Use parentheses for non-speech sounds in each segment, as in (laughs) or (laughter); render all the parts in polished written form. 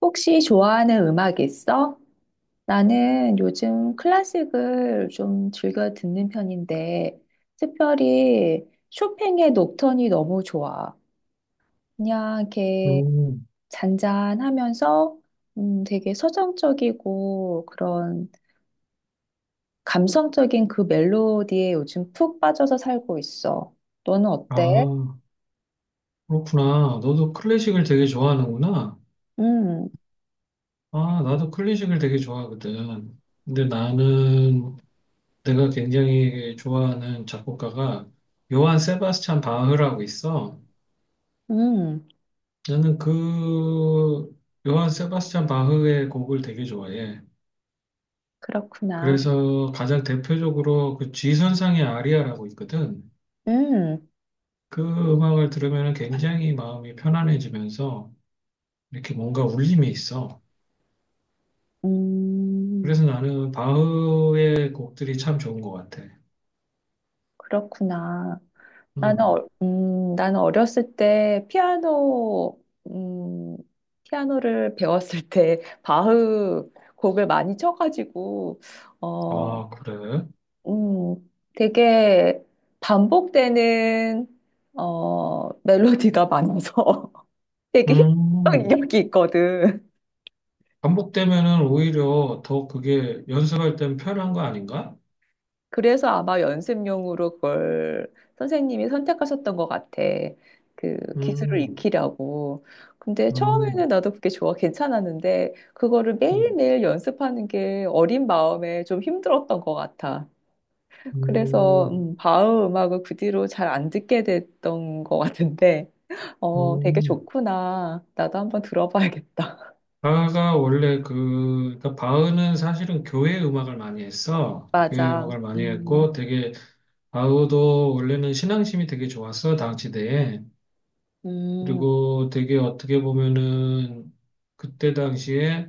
혹시 좋아하는 음악 있어? 나는 요즘 클래식을 좀 즐겨 듣는 편인데, 특별히 쇼팽의 녹턴이 너무 좋아. 그냥 이렇게 음, 잔잔하면서 되게 서정적이고 그런 감성적인 그 멜로디에 요즘 푹 빠져서 살고 있어. 너는 어때? 아, 그렇구나. 너도 클래식을 되게 좋아하는구나. 음, 아, 나도 클래식을 되게 좋아하거든. 근데 나는 내가 굉장히 좋아하는 작곡가가 요한 세바스찬 바흐라고 있어. 음, 나는 그 요한 세바스찬 바흐의 곡을 되게 좋아해. 그렇구나. 그래서 가장 대표적으로 그 G선상의 아리아라고 있거든. 음, 그 음악을 들으면 굉장히 마음이 편안해지면서 이렇게 뭔가 울림이 있어. 음, 그래서 나는 바흐의 곡들이 참 좋은 것 같아. 그렇구나. 나는, 음. 나는 어렸을 때 피아노, 음, 피아노를 (laughs) 배웠을 때 바흐 곡을 많이 쳐가지고, 어, 아, 그래? 음, 되게 반복되는, 멜로디가 많아서 (laughs) 되게 힘 음. 든었이 있거든. 반복되면은 오히려 더 그게 연습할 땐 편한 거 아닌가? 그래서 아마 연습용으로 그걸 선생님이 선택하셨던 것 같아. 그 기술을 음. 익히려고. 근데 음. 처음에는 나도 그게 좋아, 괜찮았는데, 그거를 음. 매일매일 연습하는 게 어린 마음에 좀 힘들었던 것 같아. 그래서, 음. 바흐 음악을 그 뒤로 잘 안 듣게 됐던 것 같은데, 되게 음. 좋구나. 나도 한번 들어봐야겠다. 바흐가 원래 그러니까 바흐는 사실은 교회 음악을 많이 (laughs) 했어. 교회 맞아. 음악을 많이 음. 했고 되게, 바흐도 원래는 신앙심이 되게 좋았어, 당시대에. 음. 그리고 되게 어떻게 보면은 그때 당시에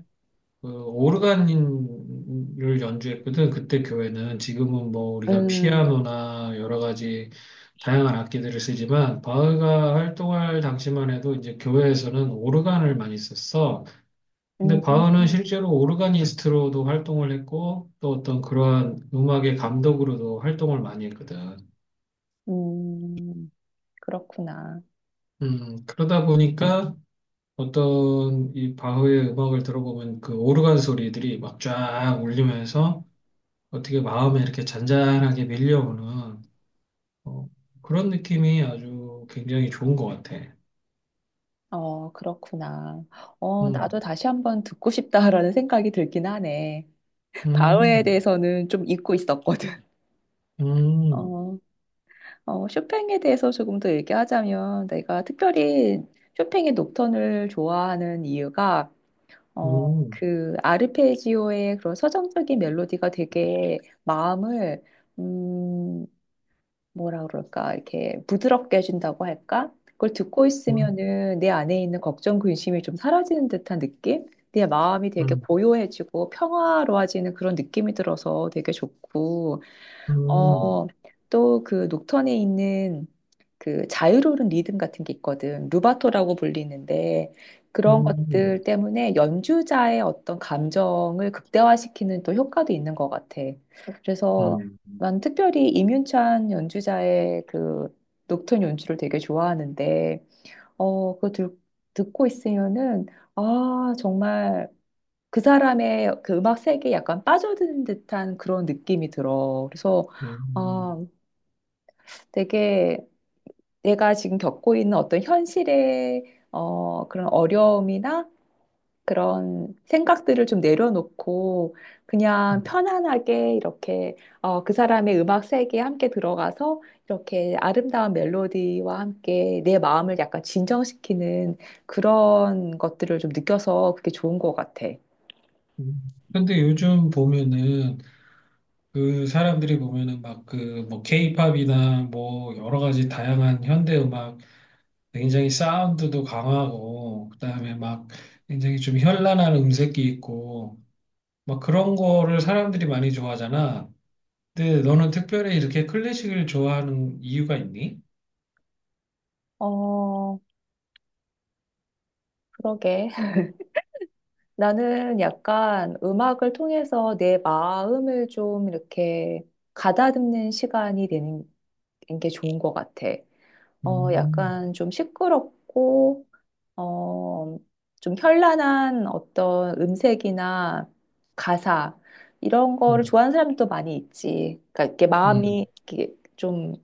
그 오르간을 연주했거든. 그때 교회는 지금은 뭐 우리가 음. 피아노나 여러 가지 다양한 악기들을 쓰지만 바흐가 활동할 당시만 해도 이제 교회에서는 오르간을 많이 썼어. 근데 음. 바흐는 실제로 오르가니스트로도 활동을 했고 또 어떤 그러한 음악의 감독으로도 활동을 많이 했거든. 음. 그렇구나. 그러다 보니까 어떤 이 바흐의 음악을 들어보면 그 오르간 소리들이 막 쫙 울리면서 어떻게 마음에 이렇게 잔잔하게 밀려오는 어, 그런 느낌이 아주 굉장히 좋은 것 같아. 그렇구나. 음, 나도 다시 한번 듣고 싶다라는 생각이 들긴 하네. 바흐에 음, 대해서는 좀 잊고 있었거든. (laughs) 음, 어, 쇼팽에 대해서 조금 더 얘기하자면 내가 특별히 쇼팽의 녹턴을 좋아하는 이유가 어, 음, 그 아르페지오의 그런 서정적인 멜로디가 되게 마음을 음, 뭐라 그럴까, 이렇게 부드럽게 해준다고 할까? 그걸 듣고 음, 있으면은 내 안에 있는 걱정, 근심이 좀 사라지는 듯한 느낌? 내 마음이 되게 음, 고요해지고 평화로워지는 그런 느낌이 들어서 되게 좋고, 음, 어, 또 그 녹턴에 있는 그 자유로운 리듬 같은 게 있거든. 루바토라고 불리는데 그런 것들 때문에 연주자의 어떤 감정을 극대화시키는 또 효과도 있는 것 같아. 그래서 음, 난 특별히 임윤찬 연주자의 그 녹턴 연주를 되게 좋아하는데 어, 그거 들, 듣고 있으면은 아, 정말 그 사람의 그 음악 세계에 약간 빠져드는 듯한 그런 느낌이 들어. 그래서 음, 아, 되게 내가 지금 겪고 있는 어떤 현실의 그런 어려움이나 그런 생각들을 좀 내려놓고 그냥 편안하게 이렇게 그 사람의 음악 세계에 함께 들어가서 이렇게 아름다운 멜로디와 함께 내 마음을 약간 진정시키는 그런 것들을 좀 느껴서 그게 좋은 것 같아. 근데 요즘 보면은 그 사람들이 보면은 막 그 뭐 케이팝이나 뭐 여러 가지 다양한 현대 음악 굉장히 사운드도 강하고 그다음에 막 굉장히 좀 현란한 음색이 있고 막 그런 거를 사람들이 많이 좋아하잖아. 근데 너는 특별히 이렇게 클래식을 좋아하는 이유가 있니? 어, 그러게. 나는 약간 음악을 통해서 내 마음을 좀 이렇게 가다듬는 시간이 되는 게 좋은 것 같아. 어, 음, 약간 좀 시끄럽고, 어, 좀 현란한 어떤 음색이나 가사, 이런 거를 음, 좋아하는 사람도 많이 있지. 그러니까 이렇게 마음이 음, 이렇게 좀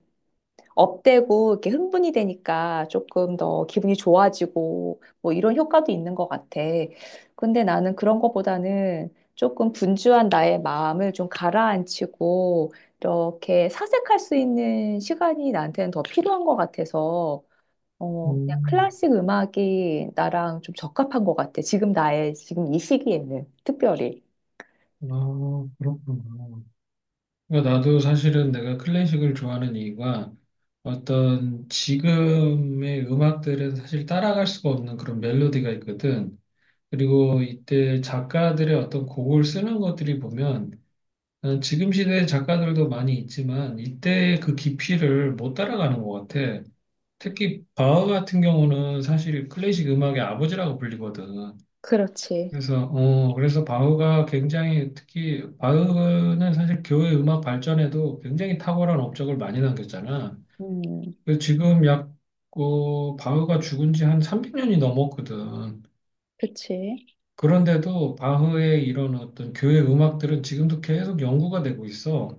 업되고 이렇게 흥분이 되니까 조금 더 기분이 좋아지고 뭐 이런 효과도 있는 것 같아. 근데 나는 그런 것보다는 조금 분주한 나의 마음을 좀 가라앉히고 이렇게 사색할 수 있는 시간이 나한테는 더 필요한 것 같아서 그냥 음. 클래식 음악이 나랑 좀 적합한 것 같아. 지금 나의 지금 이 시기에는 특별히. 아, 그렇구나. 그러니까 나도 사실은 내가 클래식을 좋아하는 이유가 어떤 지금의 음악들은 사실 따라갈 수가 없는 그런 멜로디가 있거든. 그리고 이때 작가들의 어떤 곡을 쓰는 것들이 보면 나는 지금 시대의 작가들도 많이 있지만 이때의 그 깊이를 못 따라가는 것 같아. 특히 바흐 같은 경우는 사실 클래식 음악의 아버지라고 불리거든. 그렇지. 그래서 바흐가 굉장히, 특히 바흐는 사실 교회 음악 발전에도 굉장히 탁월한 업적을 많이 남겼잖아. 음, 그래서 지금 약 바흐가 죽은 지 한 300년이 넘었거든. 그치. 그런데도 바흐의 이런 어떤 교회 음악들은 지금도 계속 연구가 되고 있어.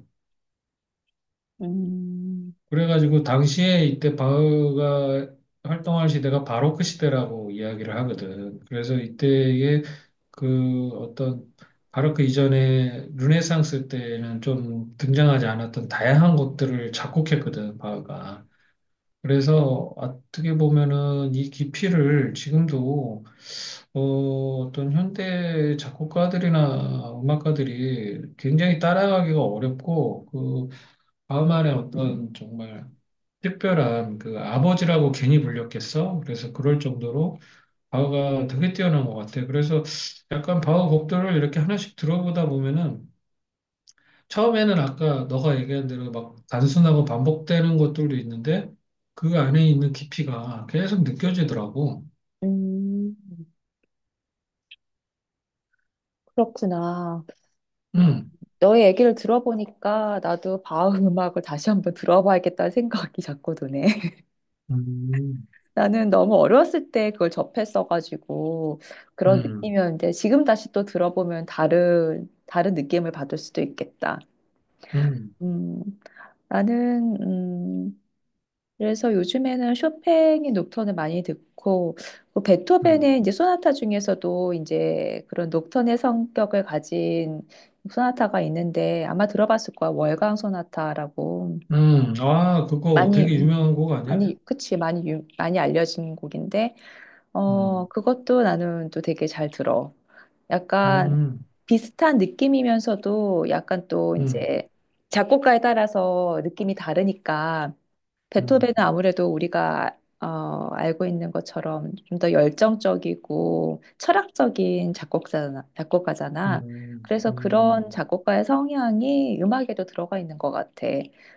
음, 그래가지고 당시에 이때 바흐가 활동할 시대가 바로크 시대라고 이야기를 하거든. 그래서 이때의 그 어떤 바로크 이전에 르네상스 때는 좀 등장하지 않았던 다양한 것들을 작곡했거든, 바흐가. 그래서 어떻게 보면은 이 깊이를 지금도 어, 어떤 현대 작곡가들이나 음악가들이 굉장히 따라가기가 어렵고, 그 바흐만의 어떤 정말 특별한, 그 아버지라고 괜히 불렸겠어? 그래서 그럴 정도로 바흐가 되게 뛰어난 것 같아. 그래서 약간 바흐 곡들을 이렇게 하나씩 들어보다 보면은 처음에는 아까 너가 얘기한 대로 막 단순하고 반복되는 것들도 있는데 그 안에 있는 깊이가 계속 느껴지더라고. 음, 그렇구나. 음, 음, 너의 얘기를 들어보니까 나도 바흐 음악을 다시 한번 들어봐야겠다는 생각이 자꾸 드네. (laughs) 음, 나는 너무 어렸을 때 그걸 접했어가지고 그런 음, 느낌이었는데 지금 다시 또 들어보면 다른 느낌을 받을 수도 있겠다. 음, 음, 나는, 그래서 요즘에는 쇼팽의 녹턴을 많이 듣고 그 음, 베토벤의 이제 소나타 중에서도 이제 그런 녹턴의 성격을 가진 소나타가 있는데 아마 들어봤을 거야. 월광 소나타라고 아, 그거 많이 되게 음, 유명한 곡 아니야? 많이 그치 많이 알려진 곡인데 음, 그것도 나는 또 되게 잘 들어. 약간 음, 비슷한 느낌이면서도 약간 또 음, 이제 작곡가에 따라서 느낌이 다르니까 베토벤은 음, 아무래도 우리가 알고 있는 것처럼 좀 더 열정적이고 철학적인 작곡가잖아. 음, 그래서 그런 음. 작곡가의 성향이 음악에도 들어가 있는 것 같아.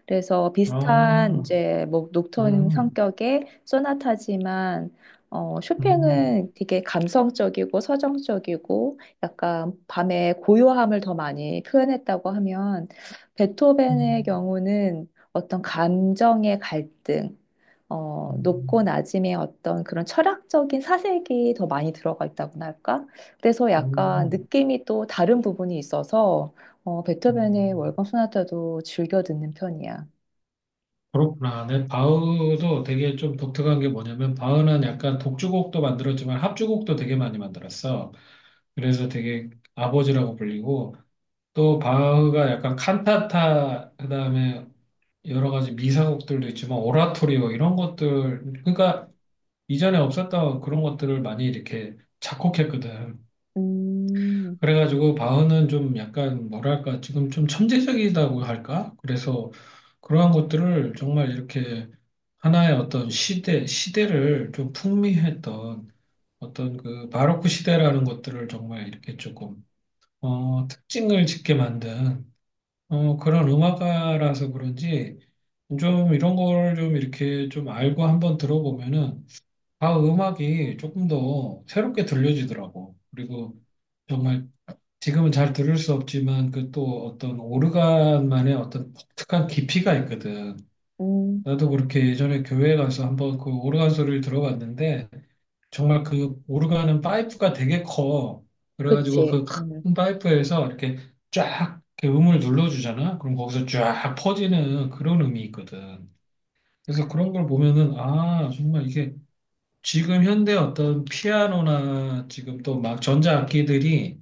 그래서 비슷한 아, 이제 뭐 녹톤 음, 성격의 소나타지만 음, 쇼팽은 되게 감성적이고 서정적이고 약간 밤의 고요함을 더 많이 표현했다고 하면 베토벤의 음, 경우는 어떤 감정의 갈등, 음, 높고 낮음의 어떤 그런 철학적인 사색이 더 많이 들어가 있다고나 할까? 그래서 약간 음. 느낌이 또 다른 부분이 있어서 베토벤의 음, 월광 소나타도 즐겨 듣는 편이야. 그렇구나. 네, 바흐도 되게 좀 독특한 게 뭐냐면 바흐는 약간 독주곡도 만들었지만 합주곡도 되게 많이 만들었어. 그래서 되게 아버지라고 불리고 또 바흐가 약간 칸타타, 그다음에 여러 가지 미사곡들도 있지만 오라토리오, 이런 것들, 그러니까 이전에 없었던 그런 것들을 많이 이렇게 작곡했거든. 음, 그래가지고 바흐는 좀 약간 뭐랄까, 지금 좀 천재적이다고 할까? 그래서 그러한 것들을 정말 이렇게 하나의 어떤 시대, 시대를 좀 풍미했던 어떤 그 바로크 시대라는 것들을 정말 이렇게 조금 특징을 짓게 만든 그런 음악가라서 그런지 좀 이런 거를 좀 이렇게 좀 알고 한번 들어보면은, 아 음악이 조금 더 새롭게 들려지더라고. 그리고 정말 지금은 잘 들을 수 없지만 그 또 어떤 오르간만의 어떤 독특한 깊이가 있거든. 음, 나도 그렇게 예전에 교회 가서 한번 그 오르간 소리를 들어봤는데 정말 그 오르간은 파이프가 되게 커. 그래가지고 그치. 그 음. 큰 파이프에서 이렇게 쫙 이렇게 음을 눌러주잖아. 그럼 거기서 쫙 퍼지는 그런 음이 있거든. 그래서 그런 걸 보면은 아 정말 이게 지금 현대 어떤 피아노나 지금 또 막 전자악기들이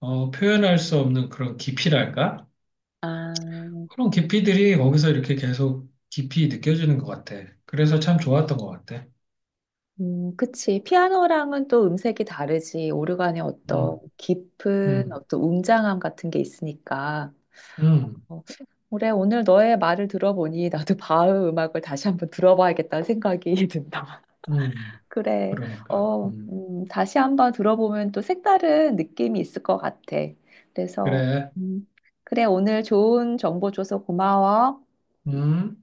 표현할 수 없는 그런 깊이랄까? 아. 그런 깊이들이 거기서 이렇게 계속 깊이 느껴지는 것 같아. 그래서 참 좋았던 것 같아. 그치. 피아노랑은 또 음색이 다르지. 오르간의 어떤 음, 깊은 음, 어떤 웅장함 같은 게 있으니까. 음, 어, 그래, 오늘 너의 말을 들어보니 (laughs) 나도 바흐 음악을 다시 한번 들어봐야겠다는 생각이 (laughs) 든다. 음. 그래. 그러니까. 음. 다시 한번 들어보면 또 색다른 느낌이 있을 것 같아. 그래서, 그래. 음, 그래, 오늘 좋은 정보 줘서 고마워. 음.